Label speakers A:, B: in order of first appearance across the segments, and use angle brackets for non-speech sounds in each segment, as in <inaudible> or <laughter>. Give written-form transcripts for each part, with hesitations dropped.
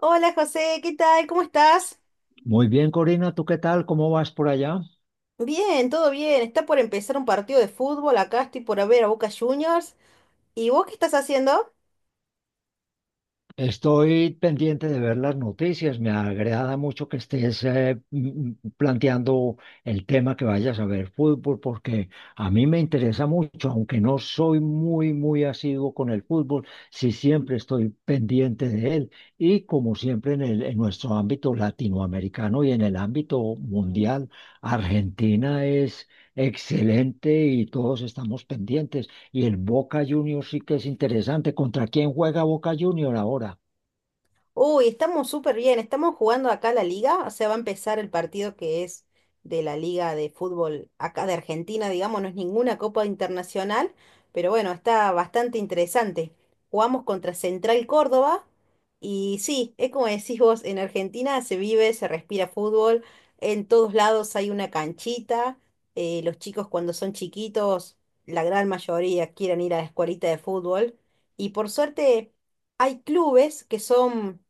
A: Hola José, ¿qué tal? ¿Cómo estás?
B: Muy bien, Corina, ¿tú qué tal? ¿Cómo vas por allá?
A: Bien, todo bien. Está por empezar un partido de fútbol. Acá estoy por ver a Boca Juniors. ¿Y vos qué estás haciendo?
B: Estoy pendiente de ver las noticias. Me agrada mucho que estés planteando el tema que vayas a ver fútbol, porque a mí me interesa mucho, aunque no soy muy, muy asiduo con el fútbol, sí siempre estoy pendiente de él. Y como siempre en nuestro ámbito latinoamericano y en el ámbito mundial, Argentina es excelente y todos estamos pendientes. Y el Boca Juniors sí que es interesante. ¿Contra quién juega Boca Juniors ahora?
A: Uy, estamos súper bien, estamos jugando acá la liga, o sea, va a empezar el partido que es de la liga de fútbol acá de Argentina, digamos, no es ninguna copa internacional, pero bueno, está bastante interesante. Jugamos contra Central Córdoba y sí, es como decís vos, en Argentina se vive, se respira fútbol, en todos lados hay una canchita, los chicos cuando son chiquitos, la gran mayoría quieren ir a la escuelita de fútbol y por suerte... Hay clubes que son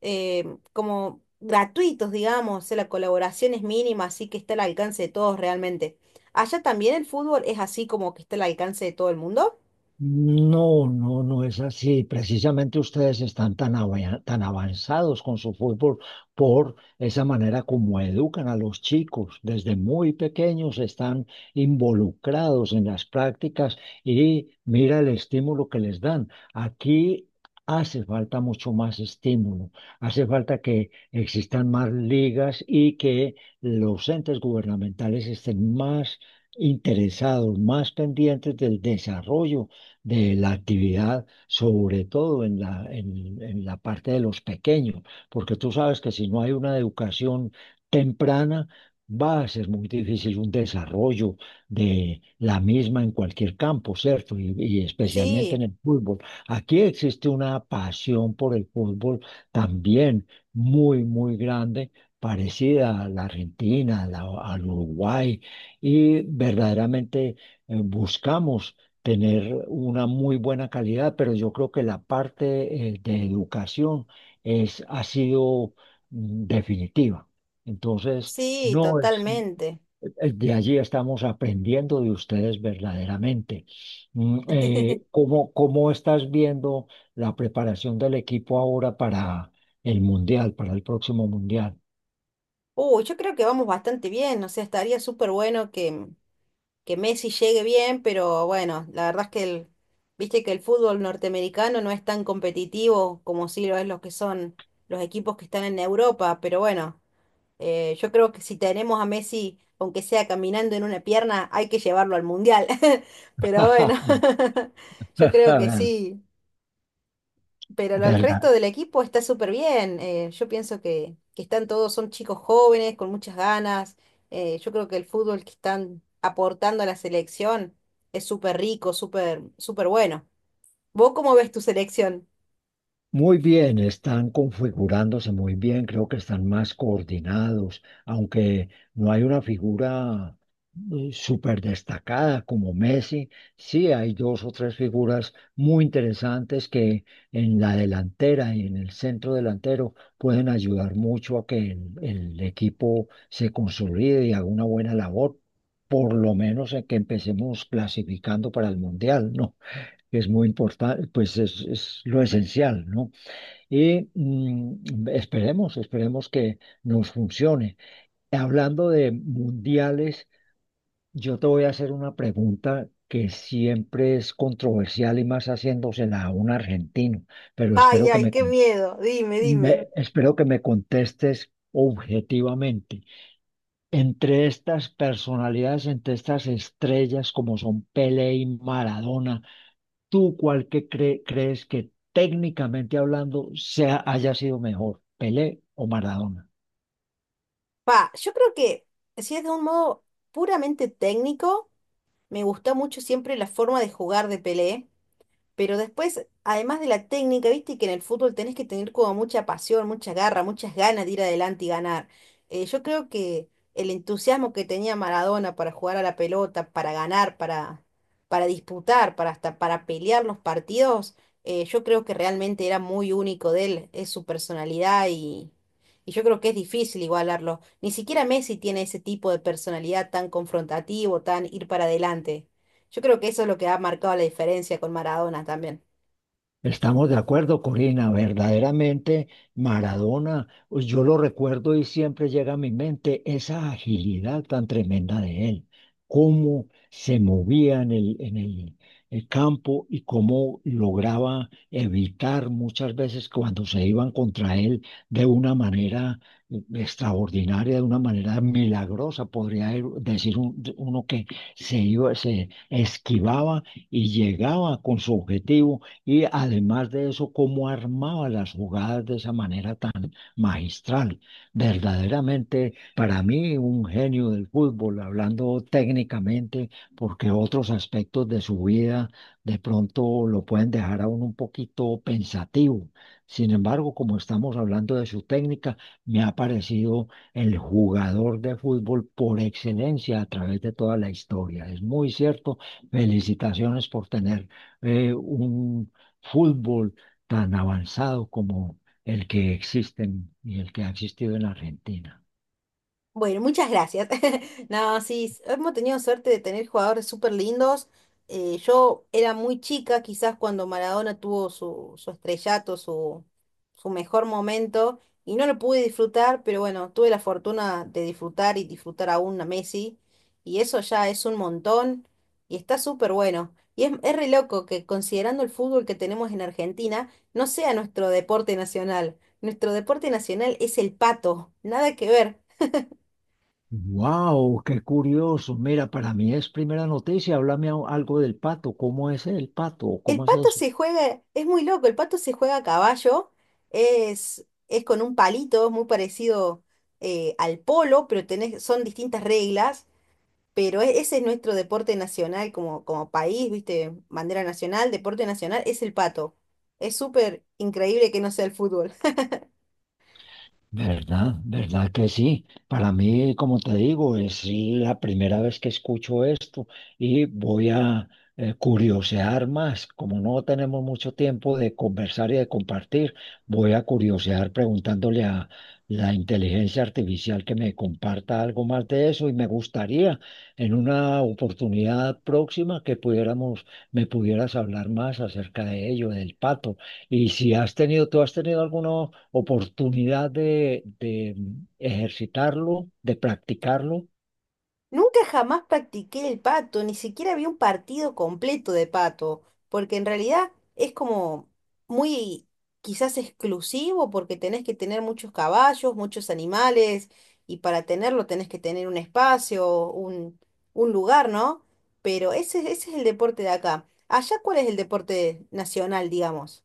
A: como gratuitos, digamos, la colaboración es mínima, así que está al alcance de todos realmente. ¿Allá también el fútbol es así como que está al alcance de todo el mundo?
B: No, no, no es así. Precisamente ustedes están tan avanzados con su fútbol por esa manera como educan a los chicos. Desde muy pequeños están involucrados en las prácticas y mira el estímulo que les dan. Aquí hace falta mucho más estímulo. Hace falta que existan más ligas y que los entes gubernamentales estén más interesados, más pendientes del desarrollo de la actividad, sobre todo en en la parte de los pequeños, porque tú sabes que si no hay una educación temprana, va a ser muy difícil un desarrollo de la misma en cualquier campo, ¿cierto? Y especialmente
A: Sí,
B: en el fútbol. Aquí existe una pasión por el fútbol también muy, muy grande, parecida a la Argentina, al Uruguay, y verdaderamente buscamos tener una muy buena calidad, pero yo creo que la parte de educación ha sido definitiva. Entonces,
A: sí,
B: no, es-
A: totalmente.
B: Es de allí estamos aprendiendo de ustedes verdaderamente.
A: <laughs>
B: Cómo estás viendo la preparación del equipo ahora para el Mundial, para el próximo Mundial?
A: Uy, yo creo que vamos bastante bien, o sea, estaría súper bueno que Messi llegue bien, pero bueno, la verdad es que el, viste que el fútbol norteamericano no es tan competitivo como sí lo es los que son los equipos que están en Europa, pero bueno, yo creo que si tenemos a Messi, aunque sea caminando en una pierna, hay que llevarlo al mundial. <laughs> Pero bueno,
B: <laughs>
A: <laughs> yo creo que sí. Pero el resto
B: Verdaderamente
A: del equipo está súper bien. Yo pienso que están todos, son chicos jóvenes, con muchas ganas. Yo creo que el fútbol que están aportando a la selección es súper rico, súper, súper bueno. ¿Vos cómo ves tu selección?
B: muy bien, están configurándose muy bien, creo que están más coordinados, aunque no hay una figura súper destacada como Messi, sí hay dos o tres figuras muy interesantes que en la delantera y en el centro delantero pueden ayudar mucho a que el equipo se consolide y haga una buena labor, por lo menos en que empecemos clasificando para el Mundial, ¿no? Que es muy importante, es lo esencial, ¿no? Y esperemos que nos funcione. Hablando de mundiales, yo te voy a hacer una pregunta que siempre es controversial y más haciéndosela a un argentino, pero
A: Ay,
B: espero que
A: ay, qué miedo. Dime, dime.
B: espero que me contestes objetivamente. Entre estas personalidades, entre estas estrellas como son Pelé y Maradona, ¿tú cuál crees que técnicamente hablando haya sido mejor, Pelé o Maradona?
A: Pa, yo creo que si es de un modo puramente técnico. Me gustó mucho siempre la forma de jugar de Pelé, pero después, además de la técnica, viste que en el fútbol tenés que tener como mucha pasión, mucha garra, muchas ganas de ir adelante y ganar. Yo creo que el entusiasmo que tenía Maradona para jugar a la pelota, para ganar, para disputar, para hasta para pelear los partidos, yo creo que realmente era muy único de él, es su personalidad y yo creo que es difícil igualarlo. Ni siquiera Messi tiene ese tipo de personalidad tan confrontativo, tan ir para adelante. Yo creo que eso es lo que ha marcado la diferencia con Maradona también.
B: Estamos de acuerdo, Corina, verdaderamente Maradona, pues yo lo recuerdo y siempre llega a mi mente esa agilidad tan tremenda de él, cómo se movía el campo y cómo lograba evitar muchas veces cuando se iban contra él de una manera extraordinaria, de una manera milagrosa, podría ir- decir un- uno que se iba, se esquivaba y llegaba con su objetivo y además de eso, cómo armaba las jugadas de esa manera tan magistral. Verdaderamente, para mí, un genio del fútbol, hablando técnicamente, porque otros aspectos de su vida de pronto lo pueden dejar a uno un poquito pensativo. Sin embargo, como estamos hablando de su técnica, me ha parecido el jugador de fútbol por excelencia a través de toda la historia. Es muy cierto. Felicitaciones por tener un fútbol tan avanzado como el que existe y el que ha existido en la Argentina.
A: Bueno, muchas gracias. <laughs> No, sí, hemos tenido suerte de tener jugadores súper lindos. Yo era muy chica, quizás cuando Maradona tuvo su, su estrellato, su mejor momento, y no lo pude disfrutar, pero bueno, tuve la fortuna de disfrutar y disfrutar aún a Messi, y eso ya es un montón, y está súper bueno. Y es re loco que considerando el fútbol que tenemos en Argentina, no sea nuestro deporte nacional. Nuestro deporte nacional es el pato, nada que ver.
B: Wow, qué curioso. Mira, para mí es primera noticia. Háblame algo del pato. ¿Cómo es el pato?
A: El
B: ¿Cómo es
A: pato
B: eso?
A: se juega, es muy loco, el pato se juega a caballo, es con un palito, es muy parecido al polo, pero tenés, son distintas reglas, pero ese es nuestro deporte nacional como, como país, ¿viste? Bandera nacional, deporte nacional, es el pato. Es súper increíble que no sea el fútbol.
B: ¿Verdad? ¿Verdad que sí? Para mí, como te digo, es la primera vez que escucho esto y voy a curiosear más. Como no tenemos mucho tiempo de conversar y de compartir, voy a curiosear preguntándole a la inteligencia artificial que me comparta algo más de eso y me gustaría en una oportunidad próxima que me pudieras hablar más acerca de ello, del pato. Y si has tenido, tú has tenido alguno oportunidad de ejercitarlo, de practicarlo,
A: Nunca jamás practiqué el pato, ni siquiera vi un partido completo de pato, porque en realidad es como muy quizás exclusivo porque tenés que tener muchos caballos, muchos animales, y para tenerlo tenés que tener un espacio, un lugar, ¿no? Pero ese es el deporte de acá. Allá, ¿cuál es el deporte nacional, digamos?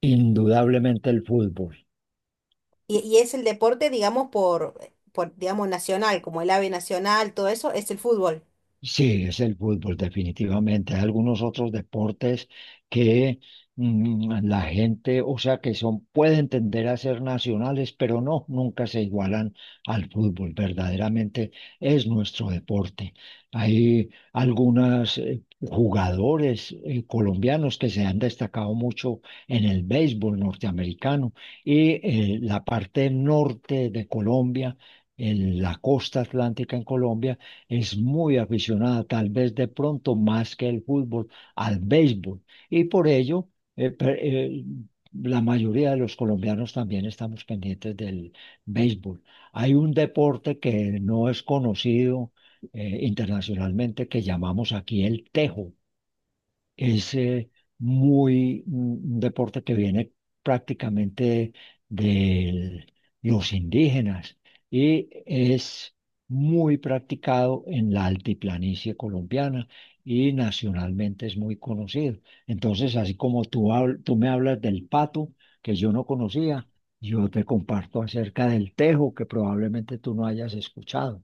B: indudablemente el fútbol.
A: Y es el deporte, digamos, por, digamos, nacional, como el ave nacional, todo eso, es el fútbol.
B: Sí, es el fútbol, definitivamente. Hay algunos otros deportes que la gente, o sea, que son, pueden tender a ser nacionales, pero no, nunca se igualan al fútbol. Verdaderamente es nuestro deporte. Hay algunos jugadores colombianos que se han destacado mucho en el béisbol norteamericano y la parte norte de Colombia, en la costa atlántica en Colombia es muy aficionada, tal vez de pronto más que el fútbol, al béisbol. Y por ello, eh, per- eh, la mayoría de los colombianos también estamos pendientes del béisbol. Hay un deporte que no es conocido internacionalmente que llamamos aquí el tejo. Es muy mm, un deporte que viene prácticamente de los indígenas y es muy practicado en la altiplanicie colombiana y nacionalmente es muy conocido. Entonces, así como tú me hablas del pato, que yo no conocía, yo te comparto acerca del tejo, que probablemente tú no hayas escuchado.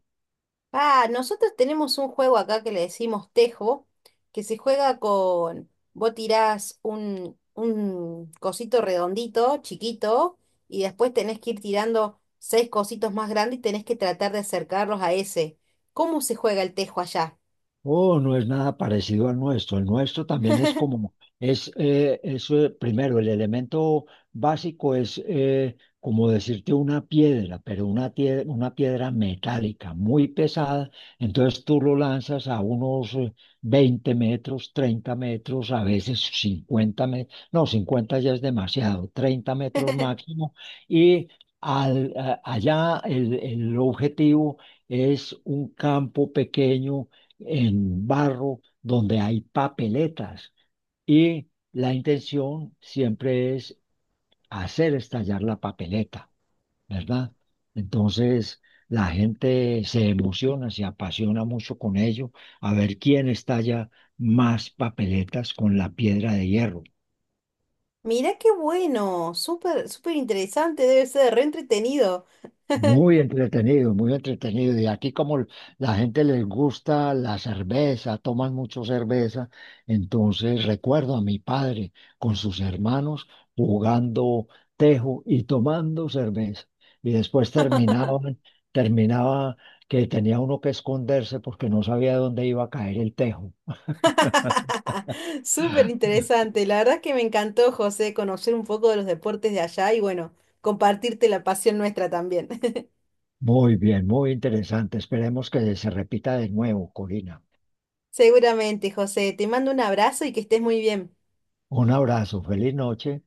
A: Ah, nosotros tenemos un juego acá que le decimos tejo, que se juega con, vos tirás un cosito redondito, chiquito, y después tenés que ir tirando seis cositos más grandes y tenés que tratar de acercarlos a ese. ¿Cómo se juega el tejo allá?
B: Oh, no es nada parecido al nuestro. El nuestro también es
A: <laughs>
B: como, es, primero, el elemento básico es como decirte una piedra, pero una piedra metálica muy pesada. Entonces tú lo lanzas a unos 20 metros, 30 metros, a veces 50 metros, no, 50 ya es demasiado, 30 metros máximo. Y allá el objetivo es un campo pequeño en barro, donde hay papeletas. Y la intención siempre es hacer estallar la papeleta, ¿verdad? Entonces, la gente se emociona, se apasiona mucho con ello, a ver quién estalla más papeletas con la piedra de hierro.
A: Mirá qué bueno, súper, súper interesante, debe ser re entretenido.
B: Muy entretenido, muy entretenido. Y aquí como la gente les gusta la cerveza, toman mucho cerveza, entonces recuerdo a mi padre con sus hermanos jugando tejo y tomando cerveza. Y después terminaba que tenía uno que esconderse porque no sabía dónde iba a caer el tejo.
A: <laughs> Súper interesante. La verdad que me encantó, José, conocer un poco de los deportes de allá y bueno, compartirte la pasión nuestra también.
B: Muy bien, muy interesante. Esperemos que se repita de nuevo, Corina.
A: <laughs> Seguramente, José, te mando un abrazo y que estés muy bien.
B: Un abrazo, feliz noche.